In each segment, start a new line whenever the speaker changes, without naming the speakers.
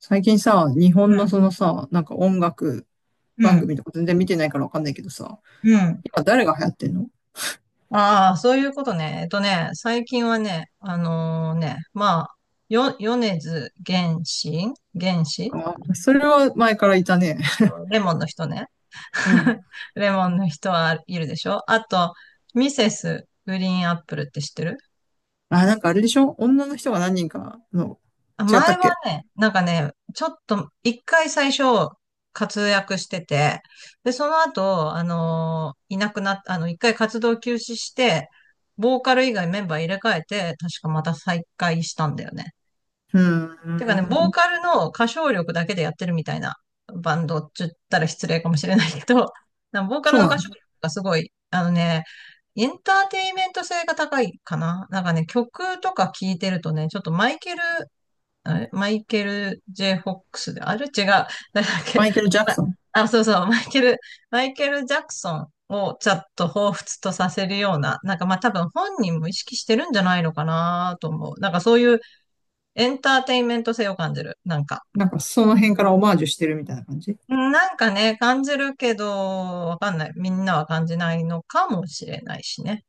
最近さ、日
う
本の
ん、
そのさ、なんか音楽
う
番
ん、
組とか全然見てないからわかんないけどさ、
うん。
今誰が流行ってんの？
ああ、そういうことね。最近はね、米津玄師玄師。
あ、それは前からいたね。
そうそう、レモンの人ね。
う ん。
レモンの人はいるでしょ。あと、ミセスグリーンアップルって知ってる？
あ、なんかあれでしょ？女の人が何人かの、
あ、
違った
前
っ
は
け？
ね、ちょっと、一回最初、活躍してて、で、その後、いなくなっ、あの、一回活動休止して、ボーカル以外メンバー入れ替えて、確かまた再開したんだよね。
う
てかね、
ー
ボー
ん。
カルの歌唱力だけでやってるみたいなバンドって言ったら失礼かもしれないけど、なんかボーカル
そう
の
な
歌唱
んだ。
力がすごい、エンターテイメント性が高いかな。なんかね、曲とか聴いてるとね、ちょっとマイケル、あれ、マイケル・ J・ フォックスで、あれ違う。誰だっけ、
マイケル・ジャク
ま
ソン。
そうそう、マイケル・ジャクソンをちょっと彷彿とさせるような、なんかまあ多分本人も意識してるんじゃないのかなと思う。なんかそういうエンターテインメント性を感じる。なんか。
なんかその辺からオマージュしてるみたいな感じ？
なんかね、感じるけど、わかんない。みんなは感じないのかもしれないしね。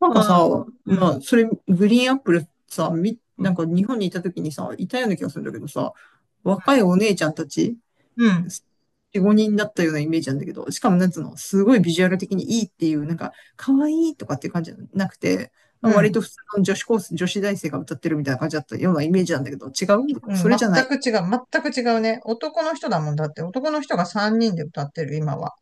なんかさ、
まあ、う
ま
ん、
あ、それ、グリーンアップルさ、
う
な
ん、
んか日本にいた時にさ、いたような気がするんだけどさ、若いお姉ちゃんたち
うん、うん。
4、5人だったようなイメージなんだけど、しかもなんつうの、すごいビジュアル的にいいっていう、なんか、可愛いとかっていう感じじゃなくて、ま
う
あ割
ん
と普通の女子高生、女子大生が歌ってるみたいな感じだったようなイメージなんだけど、違う、
うん、
そ
全
れじゃない。
く違う、全く違うね。男の人だもんだって、男の人が3人で歌ってる、今は。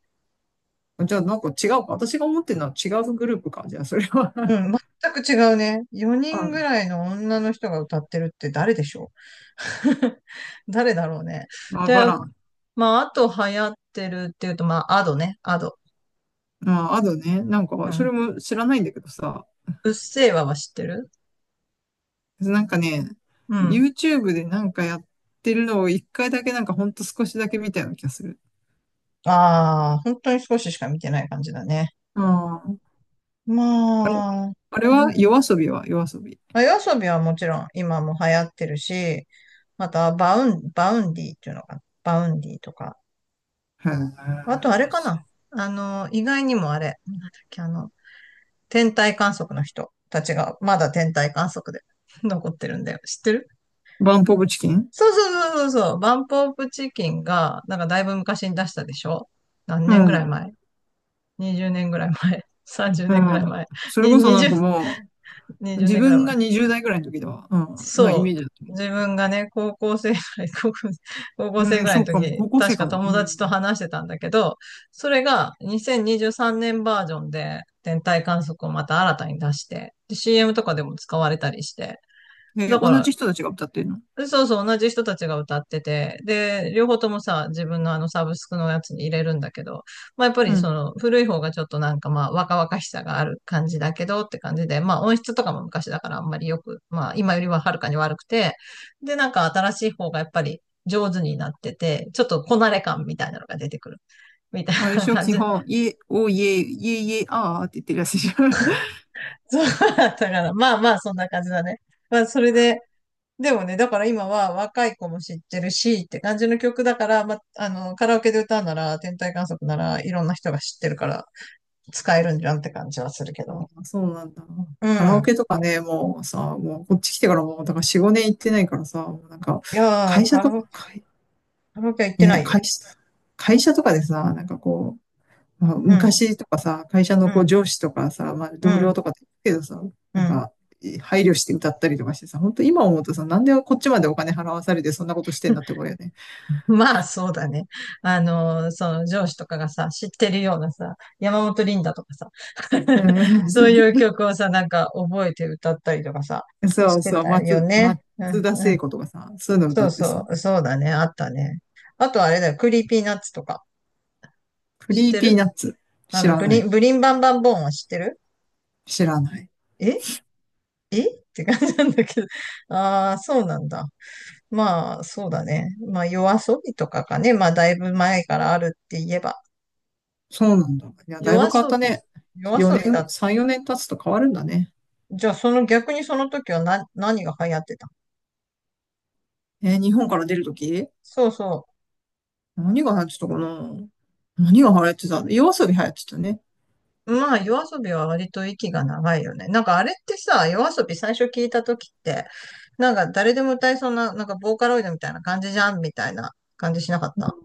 じゃあなんか違うか。私が思ってるのは違うグループか。じゃあそれは
う ん、全く違うね。4
あ、
人ぐらいの女の人が歌ってるって誰でしょう。 誰だろうね。
わ
で、
からん。
まあ、あと流行ってるっていうと、まあ、アドね、アド。
まあ、あとね、なん
う
か、そ
ん。
れも知らないんだけどさ、
うっせぇわは知ってる？
なんかね、
うん。
YouTube でなんかやってるのを一回だけなんかほんと少しだけ見たような気がする。
ああ、本当に少ししか見てない感じだね。
ああ。あれ
まあ、
あれ
う
は
ん。
夜遊び？は夜遊び？
まあ、夜遊びはもちろん今も流行ってるし、またバウンディっていうのかな、バウンディとか。
へ
あとあれ
ー。
かな。意外にもあれ、なんだっけ、天体観測の人たちがまだ天体観測で 残ってるんだよ。知ってる？
バンポブチキン？
そうそうそうそうそう。バンプオブチキンが、なんかだいぶ昔に出したでしょ。何
う
年ぐらい
ん。
前？ 20 年ぐらい前？ 30
う
年 ぐら
ん。
い前
それ
に?
こそなん かもう、
20
自
年ぐら
分が
い。
20代ぐらいの時では、うん、なイメ
そ
ージだった。
う。自分がね、高校生ぐらい、高校、高校生
う
ぐ
ん、
らい
そ
の
う
時
かも。
に、
高校
確
生か
か
も。う
友達と
ん。
話してたんだけど、それが2023年バージョンで天体観測をまた新たに出して、で CM とかでも使われたりして、
で、
だ
同
か
じ人たちが歌ってるの？
そうそう、同じ人たちが歌ってて、で、両方ともさ、自分のあのサブスクのやつに入れるんだけど、まあやっぱ
う
り
ん。
その古い方がちょっとなんかまあ若々しさがある感じだけどって感じで、まあ音質とかも昔だからあんまりよく、まあ今よりははるかに悪くて、で、なんか新しい方がやっぱり上手になってて、ちょっとこなれ感みたいなのが出てくる。みたい
あれで
な
しょ、
感
基
じ。
本、イエ、おイエ、イエイエあーって言ってるやつでしょ？
そうだったから、まあまあそんな感じだね。まあそれで、でもね、だから今は若い子も知ってるしって感じの曲だから、ま、カラオケで歌うなら、天体観測ならいろんな人が知ってるから使えるんじゃんって感じはするけど
あ
ね。
あ、そうなんだ。
う
カラオ
ん。
ケとかね、もうさ、もうこっち来てからもう、だから4、5年行ってないからさ、もうなんか、
いやー、
会社
カ
と
ラオケ、
か、会
カラオケは行ってな
ね、
いよ。
会社、会社とかでさ、なんかこまあ、
うん、
昔とかさ、会社の
う
こう
ん、
上司とかさ、まあ、
う
同
ん、
僚とかって言うけどさ、
う
なん
ん。
か、配慮して歌ったりとかしてさ、本当今思うとさ、なんでこっちまでお金払わされてそんなことしてんだってこ れよね。
まあそうだね。あのその上司とかがさ、知ってるようなさ、山本リンダとかさ、
う ん。
そういう 曲をさ、なんか覚えて歌ったりとかさ、
そ
し
う
て
そう、
たよ
松、
ね。
松
うん、
田
う
聖
ん。
子とかさ、そういうの歌
そう
って
そ
さ、
う、そうだね、あったね。あとあれだよ、クリーピーナッツとか。
ク
知っ
リー
て
ピーナ
る？
ッツ。
あ
知
の、
らない。
ブリンバンバンボーンは知ってる？
知らない。
えって感じなんだけど。ああ、そうなんだ。まあ、そうだね。まあ、夜遊びとかかね。まあ、だいぶ前からあるって言えば。
そうなんだ。いや、
夜
だいぶ変わっ
遊
た
び。
ね。
夜遊
4
び
年、
だ。
3、4年経つと変わるんだね。
じゃあ、その逆にその時はな、何が流行ってた？
日本から出るとき
そうそう。
何が流行ってたかな。何が流行ってた？夜遊び流行ってたね。
まあ、夜遊びは割と息が長いよね。なんかあれってさ、夜遊び最初聞いた時って、なんか誰でも歌いそうな、なんかボーカロイドみたいな感じじゃんみたいな感じしなかった？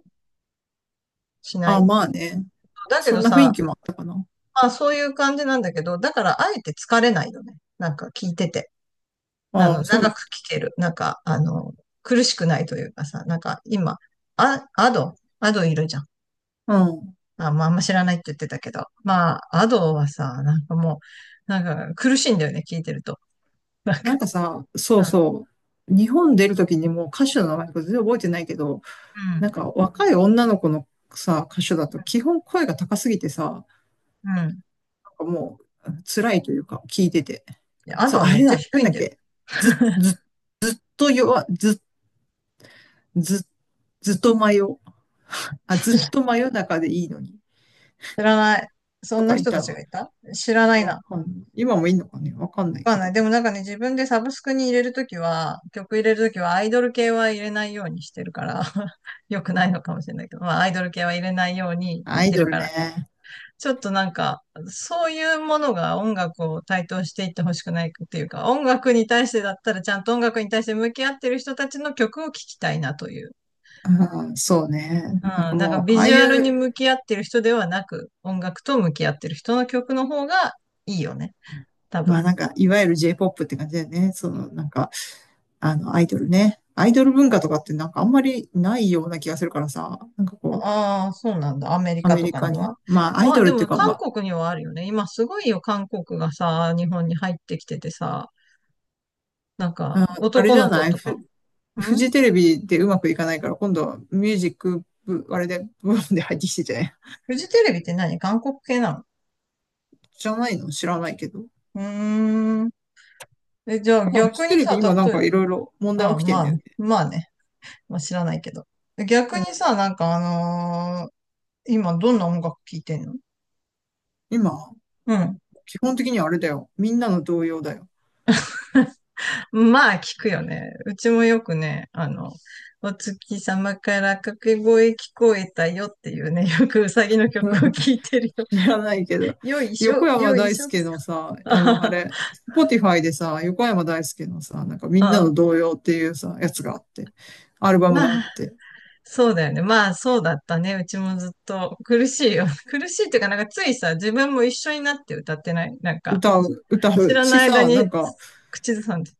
しな
あ、
い？
まあね。
だけ
そ
ど
んな雰囲
さ、
気もあったかな。
まあそういう感じなんだけど、だからあえて疲れないよね。なんか聞いてて。あ
あ
の、
あ、そう
長く聞ける。苦しくないというかさ、なんか今、あ、アド、アドいるじゃん。
なの？うん。
あ、まあ、あんま知らないって言ってたけど。まあ、アドはさ、なんかもう、なんか苦しいんだよね、聞いてると。なん
なん
か
かさ、そう
う
そう。日本出るときにもう歌手の名前とか全然覚えてないけど、なん
ん、
か若い女の子のさ、歌手だと基本声が高すぎてさ、
うん。うん
なんかもう辛いというか、聞いてて。
いやア
そ
ド
う、
は
あ
めっ
れ
ちゃ
だ。な
低
ん
い
だ
ん
っ
だよ。
け。ず、ず、ずっと弱、ず、ず、ずっと真夜。あ、ずっと真夜中でいいのに。
知らない。そ
と
んな
かい
人た
た
ち
ら。
がいた、知らない
わ
な。
かんない。今もいいのかね。わかんな
わ
い
かん
け
ない。
ど。
でもなんかね、自分でサブスクに入れるときは、曲入れるときはアイドル系は入れないようにしてるから、よくないのかもしれないけど、まあアイドル系は入れないように聞
ア
い
イ
て
ド
る
ル
から、
ね。
ちょっとなんか、そういうものが音楽を台頭していってほしくないっていうか、音楽に対してだったらちゃんと音楽に対して向き合ってる人たちの曲を聴きたいなという。
ああ、そうね。なん
う
か
ん、なんか
もう、あ
ビ
あ
ジ
い
ュアルに
う、
向き合ってる人ではなく、音楽と向き合ってる人の曲の方がいいよね。多
まあ
分。
なんか、いわゆる J-POP って感じだよね。その、なんか、あの、アイドルね。アイドル文化とかってなんかあんまりないような気がするからさ。なんかこう、
ああ、そうなんだ。アメリ
ア
カ
メ
と
リ
かに
カに。
は。
まあ、アイ
まあ、
ドル
で
ってい
も
うか、ま
韓
あ、
国にはあるよね。今すごいよ、韓国がさ、日本に入ってきててさ、なんか
ああれ
男
じゃ
の子
ない？
とかも。
フ
ん
ジテレビでうまくいかないから、今度はミュージック部、あれで、部門で入ってきてじゃない？
フジテレビって何、韓国系なの？
じゃないの？知らないけど。なん
うーん。え、じゃあ
かフ
逆
ジテ
に
レビ
さ、
今なん
例え
か
ば、
いろいろ問題起
あ、
きて
ま
ん
あ、
だよね。
まあね。まあ知らないけど。逆
う
に
ん。
さ、のー今どんな音楽聴いてんの？
今、
うん。
基本的にはあれだよ。みんなの動揺だよ。
まあ聞くよね。うちもよくね、あの、お月様から掛け声聞こえたよっていうね、よくうさぎの曲を聴いてる
知らないけど、
よ。よいしょ、
横山
よい
大
しょって。
輔のさ、あの、あ
あ
れ、Spotify でさ、横山大輔のさ、なんかみ
あ、
んなの
あ
童謡っていうさ、やつがあって、アルバムがあ
ま
っ
あ、
て、
そうだよね。まあ、そうだったね。うちもずっと苦しいよ。苦しいっていうか、なんかついさ、自分も一緒になって歌ってない。なんか、
歌う、歌
知
う
ら
し
ない間
さ、な
に
んか、
口ずさんで。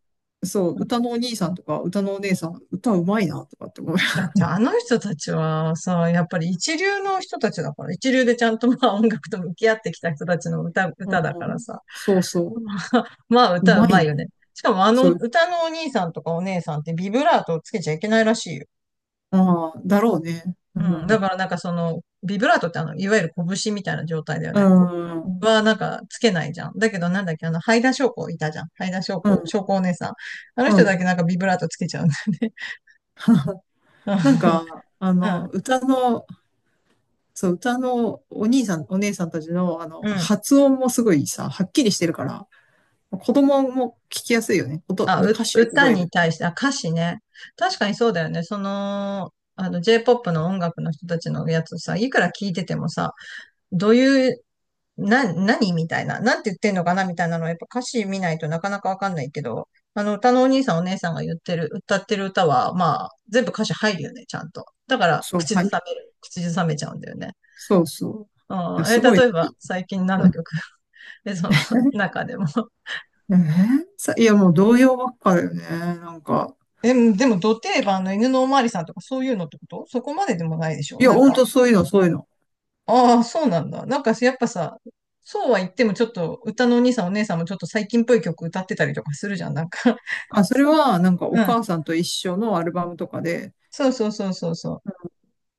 そう、歌のお兄さんとか、歌のお姉さん、歌うまいな、とかって思う。
だってあの人たちはさ、やっぱり一流の人たちだから、一流でちゃんとまあ音楽と向き合ってきた人たちの
う
歌だから
ん、
さ。
そう そ
まあ、まあ
う、う
歌う
まい
ま
ん
いよ
だ。
ね。しかもあ
そ
の
う、
歌のお兄さんとかお姉さんってビブラートをつけちゃいけないらしいよ。
ああ、だろうね。う
うん。だ
ん、
からなんかその、ビブラートってあの、いわゆる拳みたいな状態だよ
う
ね。こ
ん、う
う
ん、
はなんかつけないじゃん。だけどなんだっけ、あの、ハイダ翔子いたじゃん。ハイダ翔子、翔子お姉さん。あの
う
人
ん。
だけなんかビブラートつけちゃうんだよね。
なん か、あ
うん。う
の、
ん。
歌のお兄さん、お姉さんたちの、あの、
うん
発音もすごいさ、はっきりしてるから、子供も聞きやすいよね。
あ、
歌詞を
歌
覚え
に
るって。
対して、あ、歌詞ね。確かにそうだよね。J-POP の音楽の人たちのやつさ、いくら聞いててもさ、どういう、な、何みたいな、なんて言ってんのかなみたいなのは、やっぱ歌詞見ないとなかなかわかんないけど、あの、歌のお兄さんお姉さんが言ってる、歌ってる歌は、まあ、全部歌詞入るよね、ちゃんと。だから、
そう、
口ず
はい。
さめる。口ずさめちゃうんだよね。
そうそう。
う
いや、
ん。え、
すごいね。
例えば、
い
最近何
う
の
ん
曲？ え、その中でも。
えーさ、いや、もう童謡ばっかだよね。なんか。
え、でも、ど定番の犬のおまわりさんとかそういうのってことそこまででもないでしょ。
いや、
なん
ほん
か、
とそういうの、そういうの。
ああ、そうなんだ。なんか、やっぱさ、そうは言ってもちょっと、歌のお兄さんお姉さんもちょっと最近っぽい曲歌ってたりとかするじゃん。
あ、それ
そう、
は、なんか、お
うん。
母さんと一緒のアルバムとかで、
そうそうそうそうそう。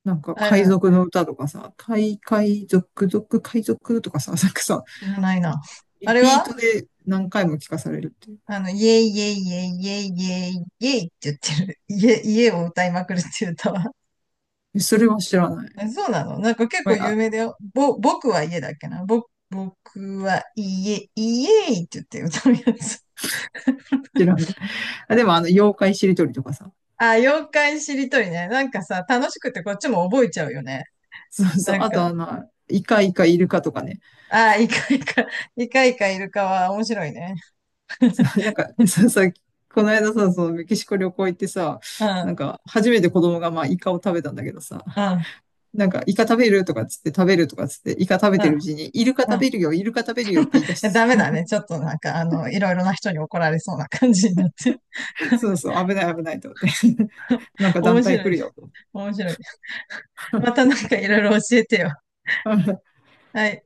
なんか、
あ
海
れ、
賊の歌とかさ、海賊とかさ、なんかさ、
知らないな。あ
リ
れ
ピー
は
トで何回も聞かされるっていう。
あの、イエイイエイイエイイエイイエイイエイって言ってる。家を歌いまくるっていう歌は。
それは知らない。
えそうなの？なんか結
ご
構
めあ、
有名だよ。僕は家だっけな。僕は家、イエイイエイって言って歌うやつ。
知らない。あ、でもあの、妖怪しりとりとかさ。
あ、妖怪しりとりね。なんかさ、楽しくてこっちも覚えちゃうよね。
そうそう。
なん
あと
か、
あの、イカイカイルカとかね。
あ、イカイカ、イカイカイルカは面白いね。
なん か、この間さ、そのメキシコ旅行行ってさ、
うん、
なんか、初めて子供がまあ、イカを食べたんだけどさ、
うん、
なんか、イカ食べるとかっつって食べるとかっつって、イカ食べ
うん、
てるうちに、イルカ
う
食
ん。い
べるよ、イルカ食べるよって言い出
や
し
ダメだね。ちょっとなんか、あの、いろいろな人に怒られそうな感じになって。
て、そうそう、危ない危ないと思って。なんか
面
団体
白
来
い、
るよと。
面白い。またなんかいろいろ教えてよ。はい。